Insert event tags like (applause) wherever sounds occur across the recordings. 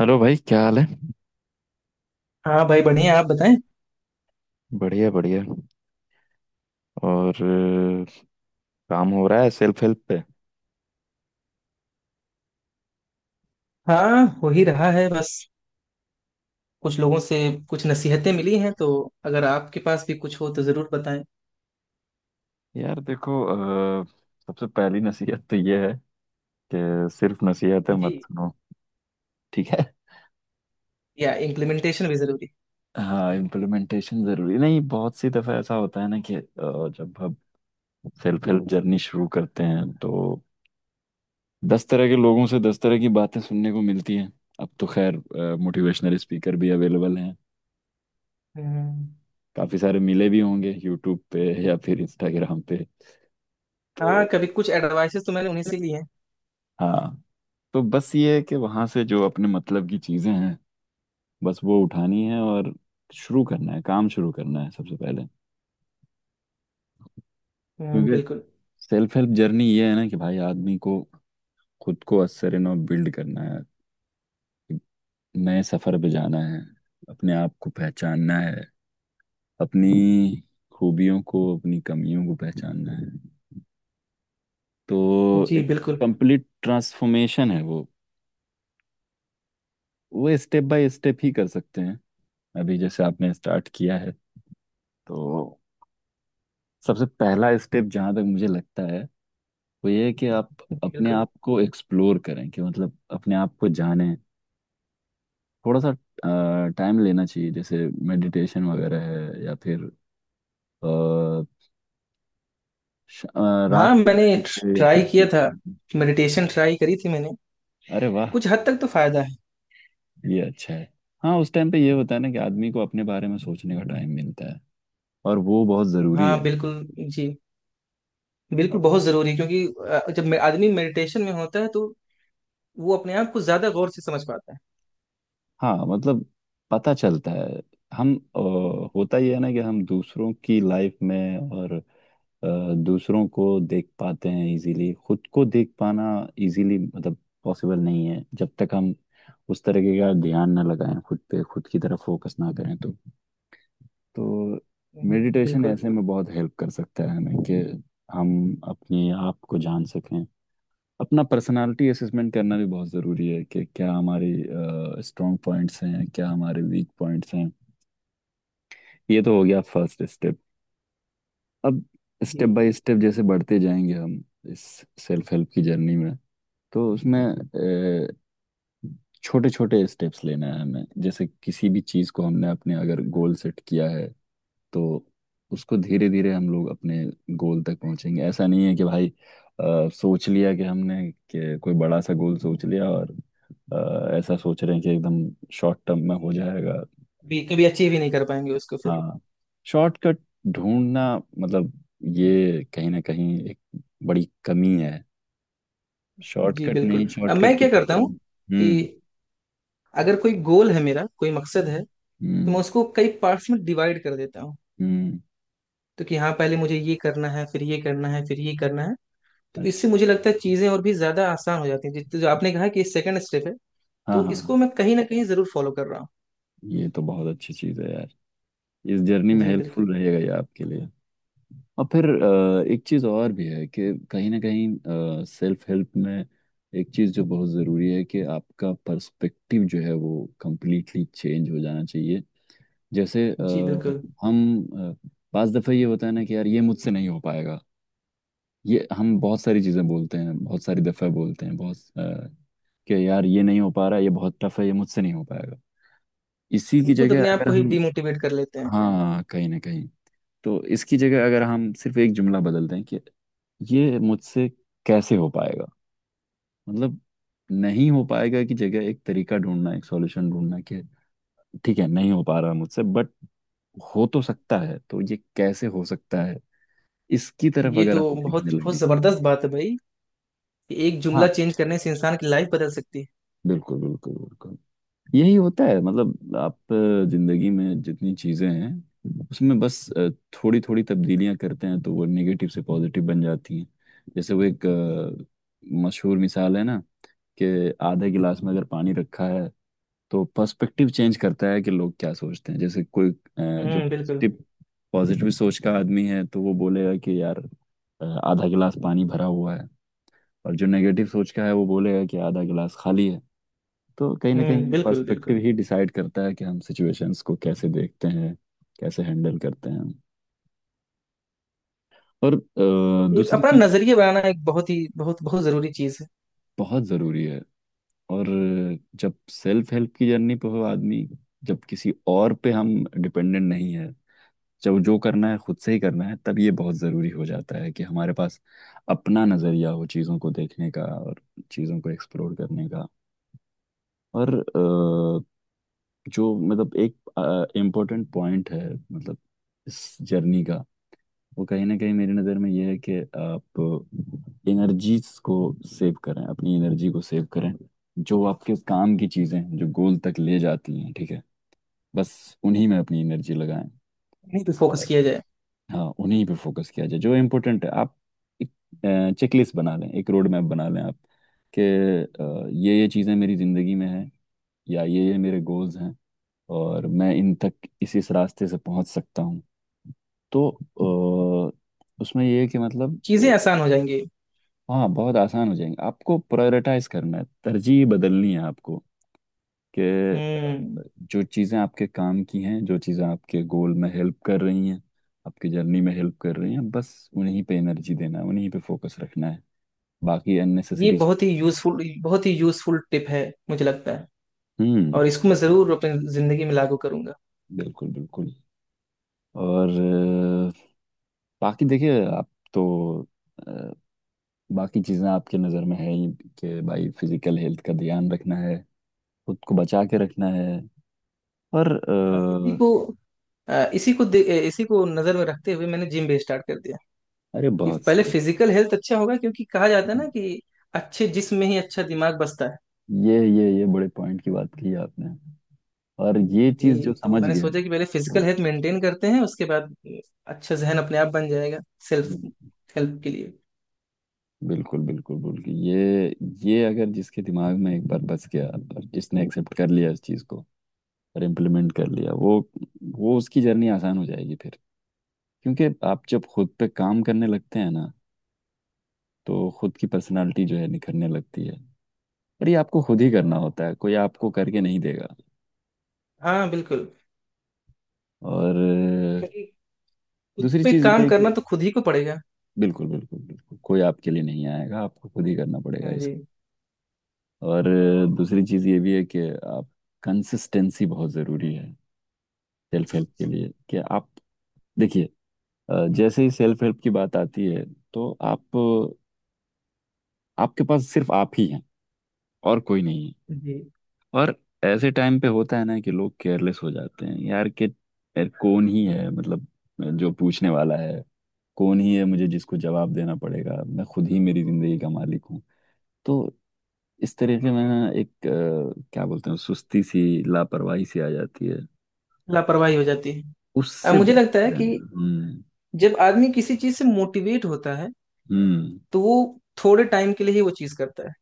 Hello भाई, क्या हाल है। हाँ भाई, बढ़िया। आप बताएं। बढ़िया बढ़िया। और अ, काम हो रहा है सेल्फ हेल्प पे। हाँ, हो ही रहा है। बस कुछ लोगों से कुछ नसीहतें मिली हैं, तो अगर आपके पास भी कुछ हो तो जरूर बताएं। यार देखो, सबसे पहली नसीहत तो ये है कि सिर्फ नसीहत है, जी। मत सुनो। ठीक है। या इम्प्लीमेंटेशन भी जरूरी। हाँ, इम्प्लीमेंटेशन जरूरी नहीं। बहुत सी दफा ऐसा होता है ना कि जब हम सेल्फ हेल्प जर्नी शुरू करते हैं, तो दस तरह के लोगों से दस तरह की बातें सुनने को मिलती हैं। अब तो खैर मोटिवेशनल स्पीकर भी अवेलेबल हैं, हम्म। काफी सारे मिले भी होंगे यूट्यूब पे या फिर इंस्टाग्राम पे, तो। हाँ, कभी कुछ एडवाइसेस तो मैंने उन्हीं से लिए हैं। हाँ, तो बस ये है कि वहां से जो अपने मतलब की चीजें हैं, बस वो उठानी है, और शुरू करना है, काम शुरू करना है सबसे पहले। क्योंकि बिल्कुल। सेल्फ हेल्प जर्नी ये है ना कि भाई, आदमी को खुद को असरनो बिल्ड करना है, नए सफर पे जाना है, अपने आप को पहचानना है, अपनी खूबियों को अपनी कमियों को पहचानना है। तो जी एक बिल्कुल। कंप्लीट ट्रांसफॉर्मेशन है वो। वो स्टेप बाय स्टेप ही कर सकते हैं। अभी जैसे आपने स्टार्ट किया है, तो सबसे पहला स्टेप जहाँ तक मुझे लगता है वो ये है कि आप जी अपने बिल्कुल। आप को एक्सप्लोर करें, कि मतलब अपने आप को जानें। थोड़ा सा टाइम लेना चाहिए, जैसे मेडिटेशन वगैरह है, या फिर अ, रात हाँ, के मैंने टाइम पे या ट्राई फिर किया था। मेडिटेशन ट्राई करी थी मैंने। अरे वाह, कुछ हद तक तो फायदा है। ये अच्छा है। हाँ, उस टाइम पे ये होता है ना कि आदमी को अपने बारे में सोचने का टाइम मिलता है, और वो बहुत ज़रूरी हाँ है। बिल्कुल। जी बिल्कुल। बहुत जरूरी है, क्योंकि जब आदमी मेडिटेशन में होता है तो वो अपने आप को ज्यादा गौर से समझ पाता हाँ मतलब, पता चलता है। हम है। होता ही है ना कि हम दूसरों की लाइफ में और दूसरों को देख पाते हैं इजीली, खुद को देख पाना इजीली मतलब पॉसिबल नहीं है, जब तक हम उस तरीके का ध्यान ना लगाएं, खुद पे खुद की तरफ फोकस ना करें, तो। तो मेडिटेशन बिल्कुल। ऐसे में बहुत हेल्प कर सकता है हमें, कि हम अपने आप को जान सकें। अपना पर्सनालिटी असेसमेंट करना भी बहुत ज़रूरी है, कि क्या हमारी स्ट्रॉन्ग पॉइंट्स हैं, क्या हमारे वीक पॉइंट्स हैं। ये तो हो गया फर्स्ट स्टेप। अब जी स्टेप बाय स्टेप जैसे बढ़ते जाएंगे हम इस सेल्फ हेल्प की जर्नी में, तो उसमें छोटे छोटे स्टेप्स लेना है हमें। जैसे किसी भी चीज़ को हमने अपने अगर गोल सेट किया है, तो उसको धीरे धीरे हम लोग अपने गोल तक पहुंचेंगे। ऐसा नहीं है कि भाई सोच लिया कि हमने कि कोई बड़ा सा गोल सोच लिया, और ऐसा सोच रहे हैं कि एकदम शॉर्ट टर्म में हो जाएगा। भी कभी अचीव ही नहीं कर पाएंगे उसको फिर। हाँ, शॉर्टकट ढूंढना मतलब, ये कहीं ना कहीं एक बड़ी कमी है। जी शॉर्टकट नहीं, बिल्कुल। अब शॉर्टकट मैं के क्या करता क्षेत्र में। हूँ कि अगर कोई गोल है, मेरा कोई मकसद है, तो हम्म मैं उसको कई पार्ट्स में डिवाइड कर देता हूँ। हम्म। तो कि हाँ, पहले मुझे ये करना है, फिर ये करना है, फिर ये करना है। तो अच्छा। इससे मुझे लगता है चीजें और भी ज्यादा आसान हो जाती हैं। जो आपने कहा कि सेकंड स्टेप है, हाँ तो हाँ इसको हाँ। मैं कहीं ना कहीं जरूर फॉलो कर रहा हूँ। ये तो बहुत अच्छी चीज़ है यार, इस जर्नी में जी बिल्कुल। हेल्पफुल रहेगा ये आपके लिए। और फिर एक चीज़ और भी है कि कहीं ना कहीं सेल्फ हेल्प में एक चीज़ जो बहुत ज़रूरी है, कि आपका पर्सपेक्टिव जो है वो कंप्लीटली चेंज हो जाना चाहिए। जैसे जी बिल्कुल। हम अ, पांच दफ़े ये होता है ना कि यार ये मुझसे नहीं हो पाएगा। ये हम बहुत सारी चीज़ें बोलते हैं, बहुत सारी दफ़े बोलते हैं, कि यार ये नहीं हो पा रहा, ये बहुत टफ है, ये मुझसे नहीं हो पाएगा। इसी हम की खुद जगह अपने आप अगर को ही हम। डिमोटिवेट कर लेते हैं। हाँ, कहीं ना कहीं। तो इसकी जगह अगर हम सिर्फ एक जुमला बदल दें, कि ये मुझसे कैसे हो पाएगा। मतलब नहीं हो पाएगा की जगह एक तरीका ढूंढना, एक सॉल्यूशन ढूंढना, कि ठीक है नहीं हो पा रहा मुझसे बट हो तो सकता है, तो ये कैसे हो सकता है। इसकी तरफ ये अगर तो हम सीखने बहुत बहुत लगेंगे। जबरदस्त बात है भाई, कि एक जुमला हाँ, चेंज करने से इंसान की लाइफ बदल सकती है। बिल्कुल बिल्कुल बिल्कुल। यही होता है मतलब, आप जिंदगी में जितनी चीजें हैं उसमें बस थोड़ी थोड़ी तब्दीलियां करते हैं, तो वो नेगेटिव से पॉजिटिव बन जाती हैं। जैसे वो एक मशहूर मिसाल है ना, कि आधे गिलास में अगर पानी रखा है, तो पर्सपेक्टिव चेंज करता है कि लोग क्या सोचते हैं। जैसे कोई जो बिल्कुल। पॉजिटिव पॉजिटिव सोच का आदमी है तो वो बोलेगा कि यार आधा गिलास पानी भरा हुआ है। और जो नेगेटिव सोच का है वो बोलेगा कि आधा गिलास खाली है। तो कहीं ना कहीं बिल्कुल पर्सपेक्टिव बिल्कुल। ही डिसाइड करता है कि हम सिचुएशंस को कैसे देखते हैं, कैसे हैंडल करते हैं। और एक दूसरी अपना चीज नजरिया बनाना एक बहुत ही, बहुत बहुत जरूरी चीज है। बहुत ज़रूरी है। और जब सेल्फ हेल्प की जर्नी पे हो आदमी, जब किसी और पे हम डिपेंडेंट नहीं है, जब जो करना है खुद से ही करना है, तब ये बहुत ज़रूरी हो जाता है कि हमारे पास अपना नज़रिया हो चीज़ों को देखने का, और चीज़ों को एक्सप्लोर करने का। और जो मतलब एक इम्पोर्टेंट पॉइंट है मतलब इस जर्नी का, वो कहीं ना कहीं मेरी नज़र में ये है कि आप एनर्जीज को सेव करें, अपनी एनर्जी को सेव करें। जो आपके काम की चीज़ें हैं, जो गोल तक ले जाती हैं, ठीक है, बस उन्हीं में अपनी एनर्जी लगाएं। इन्हीं पे फोकस और किया जाए। हाँ, उन्हीं पे फोकस किया जाए जो इम्पोर्टेंट है। आप एक चेकलिस्ट बना लें, एक रोड मैप बना लें आप, कि ये चीज़ें मेरी ज़िंदगी में हैं, या ये मेरे गोल्स हैं, और मैं इन तक इसी इस रास्ते से पहुंच सकता हूँ, तो उसमें ये है कि मतलब चीजें आसान हो जाएंगी। हाँ बहुत आसान हो जाएंगे। आपको प्रायोरिटाइज करना है, तरजीह बदलनी है आपको कि हम्म। जो चीज़ें आपके काम की हैं, जो चीज़ें आपके गोल में हेल्प कर रही हैं, आपकी जर्नी में हेल्प कर रही हैं, बस उन्हीं पे एनर्जी देना है, उन्हीं पे फोकस रखना है। बाकी ये अननेसेसरी। बहुत ही यूजफुल, बहुत ही यूजफुल टिप है, मुझे लगता है। हम्म, और इसको मैं जरूर अपनी जिंदगी में लागू करूंगा। बिल्कुल बिल्कुल। और अ, बाकी देखिए आप, तो बाकी चीज़ें आपके नज़र में है ही, कि भाई फिजिकल हेल्थ का ध्यान रखना है, खुद को बचा के रखना है। और हाँ, इसी को अ, इसी को दे- अ, इसी को नजर में रखते हुए मैंने जिम भी स्टार्ट कर दिया, अरे कि बहुत पहले सही, फिजिकल हेल्थ अच्छा होगा, क्योंकि कहा जाता है ना कि अच्छे जिस्म में ही अच्छा दिमाग बसता है। ये बड़े पॉइंट की बात कही आपने, और ये चीज़ जी, जो तो समझ मैंने गया सोचा कि पहले फिजिकल वो। हेल्थ मेंटेन करते हैं, उसके बाद अच्छा जहन अपने आप बन जाएगा सेल्फ हेल्प के लिए। बिल्कुल बिल्कुल बिल्कुल। ये अगर जिसके दिमाग में एक बार बस गया, और जिसने एक्सेप्ट कर लिया इस चीज़ को, और इम्प्लीमेंट कर लिया, वो उसकी जर्नी आसान हो जाएगी फिर। क्योंकि आप जब खुद पे काम करने लगते हैं ना, तो खुद की पर्सनालिटी जो है निखरने लगती है। पर ये आपको खुद ही करना होता है, कोई आपको करके नहीं देगा। हाँ बिल्कुल। और क्योंकि खुद दूसरी पे चीज़ ये काम है करना कि, तो खुद ही को पड़ेगा। बिल्कुल बिल्कुल बिल्कुल, कोई आपके लिए नहीं आएगा, आपको खुद ही करना पड़ेगा हाँ जी। इसको। और दूसरी चीज़ ये भी है कि आप, कंसिस्टेंसी बहुत ज़रूरी है सेल्फ हेल्प के लिए। कि आप देखिए, जैसे ही सेल्फ हेल्प की बात आती है, तो आप, आपके पास सिर्फ आप ही हैं, और कोई नहीं है। जी। और ऐसे टाइम पे होता है ना कि लोग केयरलेस हो जाते हैं यार, कि यार कौन ही है मतलब जो पूछने वाला है, कौन ही है मुझे जिसको जवाब देना पड़ेगा, मैं खुद ही मेरी जिंदगी का मालिक हूँ। तो इस तरीके में ना एक क्या बोलते हैं, सुस्ती सी, लापरवाही सी आ जाती है। लापरवाही हो जाती है। अब उससे मुझे बच लगता के है कि रहना। हम्म जब आदमी किसी चीज से मोटिवेट होता है हम्म तो वो थोड़े टाइम के लिए ही वो चीज करता है।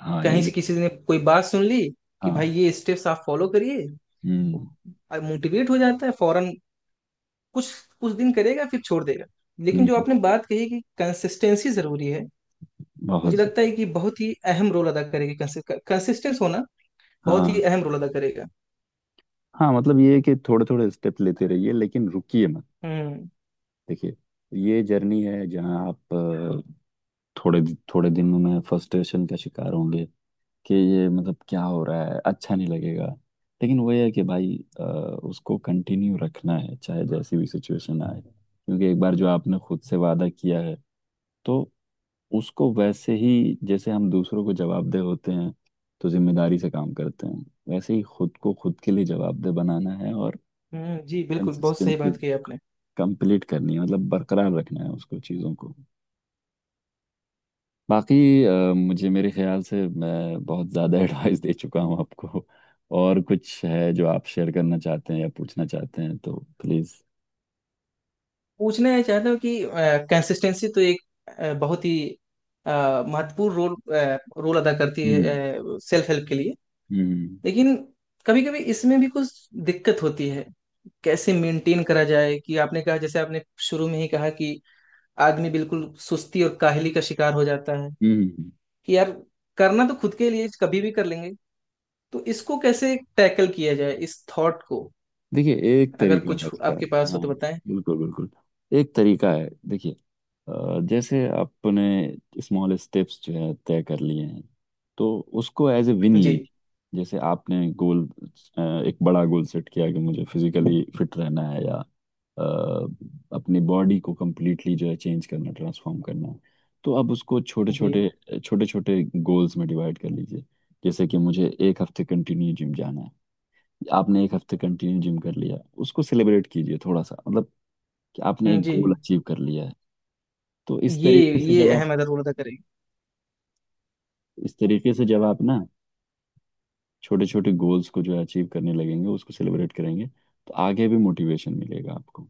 हाँ कहीं ये भी। से किसी ने कोई बात सुन ली कि भाई, हाँ। ये स्टेप्स आप फॉलो करिए। हम्म मोटिवेट हो जाता है फौरन। कुछ कुछ दिन करेगा, फिर छोड़ देगा। लेकिन जो हम्म। आपने बात कही कि कंसिस्टेंसी जरूरी है, मुझे बहुत ज्यादा। लगता है कि बहुत ही अहम रोल अदा करेगी। कंसिस्टेंस होना बहुत हाँ, ही अहम रोल अदा करेगा। हाँ मतलब ये है कि थोड़े थोड़े स्टेप लेते रहिए, लेकिन रुकिए मत। हम्म। देखिए, ये जर्नी है जहाँ आप थोड़े थोड़े दिनों में फ्रस्ट्रेशन का शिकार होंगे, कि ये मतलब क्या हो रहा है, अच्छा नहीं लगेगा। लेकिन वही है कि भाई उसको कंटिन्यू रखना है, चाहे जैसी भी सिचुएशन आए, क्योंकि एक बार जो आपने खुद से वादा किया है, तो उसको वैसे ही, जैसे हम दूसरों को जवाबदेह होते हैं, तो जिम्मेदारी से काम करते हैं, वैसे ही खुद को खुद के लिए जवाबदेह बनाना है, और हम्म, जी बिल्कुल। बहुत सही कंसिस्टेंसी बात कही आपने। कंप्लीट करनी है मतलब, बरकरार रखना है उसको, चीज़ों को। बाकी मुझे मेरे ख्याल से मैं बहुत ज़्यादा (laughs) एडवाइस दे चुका हूँ आपको। और कुछ है जो आप शेयर करना चाहते हैं या पूछना चाहते हैं, तो प्लीज़। पूछना है चाहता हूँ कि कंसिस्टेंसी तो एक बहुत ही महत्वपूर्ण रोल अदा करती है हम्म सेल्फ हेल्प के लिए। हम्म लेकिन कभी कभी इसमें भी कुछ दिक्कत होती है। कैसे मेंटेन करा जाए? कि आपने कहा, जैसे आपने शुरू में ही कहा, कि आदमी बिल्कुल सुस्ती और काहली का शिकार हो जाता है। हम्म। कि यार, करना तो खुद के लिए कभी भी कर लेंगे। तो इसको कैसे टैकल किया जाए, इस थॉट को? देखिए, एक अगर तरीका कुछ है उसका। आपके पास हो हाँ, तो बताएं। बिल्कुल बिल्कुल। एक तरीका है, देखिए, जैसे आपने स्मॉल स्टेप्स जो है तय कर लिए हैं, तो उसको एज ए विन जी। लीजिए। जैसे आपने गोल, एक बड़ा गोल सेट किया कि मुझे फिजिकली फिट रहना है, या अपनी बॉडी को कंप्लीटली जो है चेंज करना, ट्रांसफॉर्म करना है, तो अब उसको छोटे जी। छोटे, छोटे छोटे गोल्स में डिवाइड कर लीजिए। जैसे कि मुझे एक हफ्ते कंटिन्यू जिम जाना है। आपने एक हफ्ते कंटिन्यू जिम कर लिया, उसको सेलिब्रेट कीजिए थोड़ा सा, मतलब कि आपने एक जी। गोल अचीव कर लिया है। तो इस ये तरीके से ये जब आप अहम अदर करेगी। इस तरीके से जब आप ना, छोटे छोटे गोल्स को जो है अचीव करने लगेंगे, उसको सेलिब्रेट करेंगे, तो आगे भी मोटिवेशन मिलेगा आपको।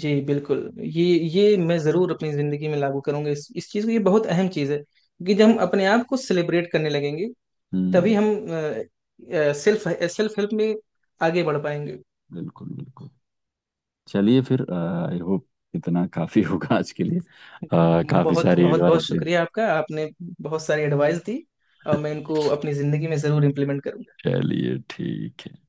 जी बिल्कुल, ये मैं जरूर अपनी जिंदगी में लागू करूंगा, इस चीज को। ये बहुत अहम चीज है, कि जब हम अपने आप को सेलिब्रेट करने लगेंगे, तभी हम्म, हम सेल्फ सेल्फ हेल्प में आगे बढ़ पाएंगे। बिल्कुल बिल्कुल। चलिए फिर, आई होप इतना काफी होगा आज के लिए, काफी (laughs) बहुत सारी बहुत बहुत एडवाइस। शुक्रिया आपका। आपने बहुत सारी एडवाइस दी, और मैं इनको अपनी जिंदगी में जरूर इम्प्लीमेंट करूंगा। चलिए ठीक है।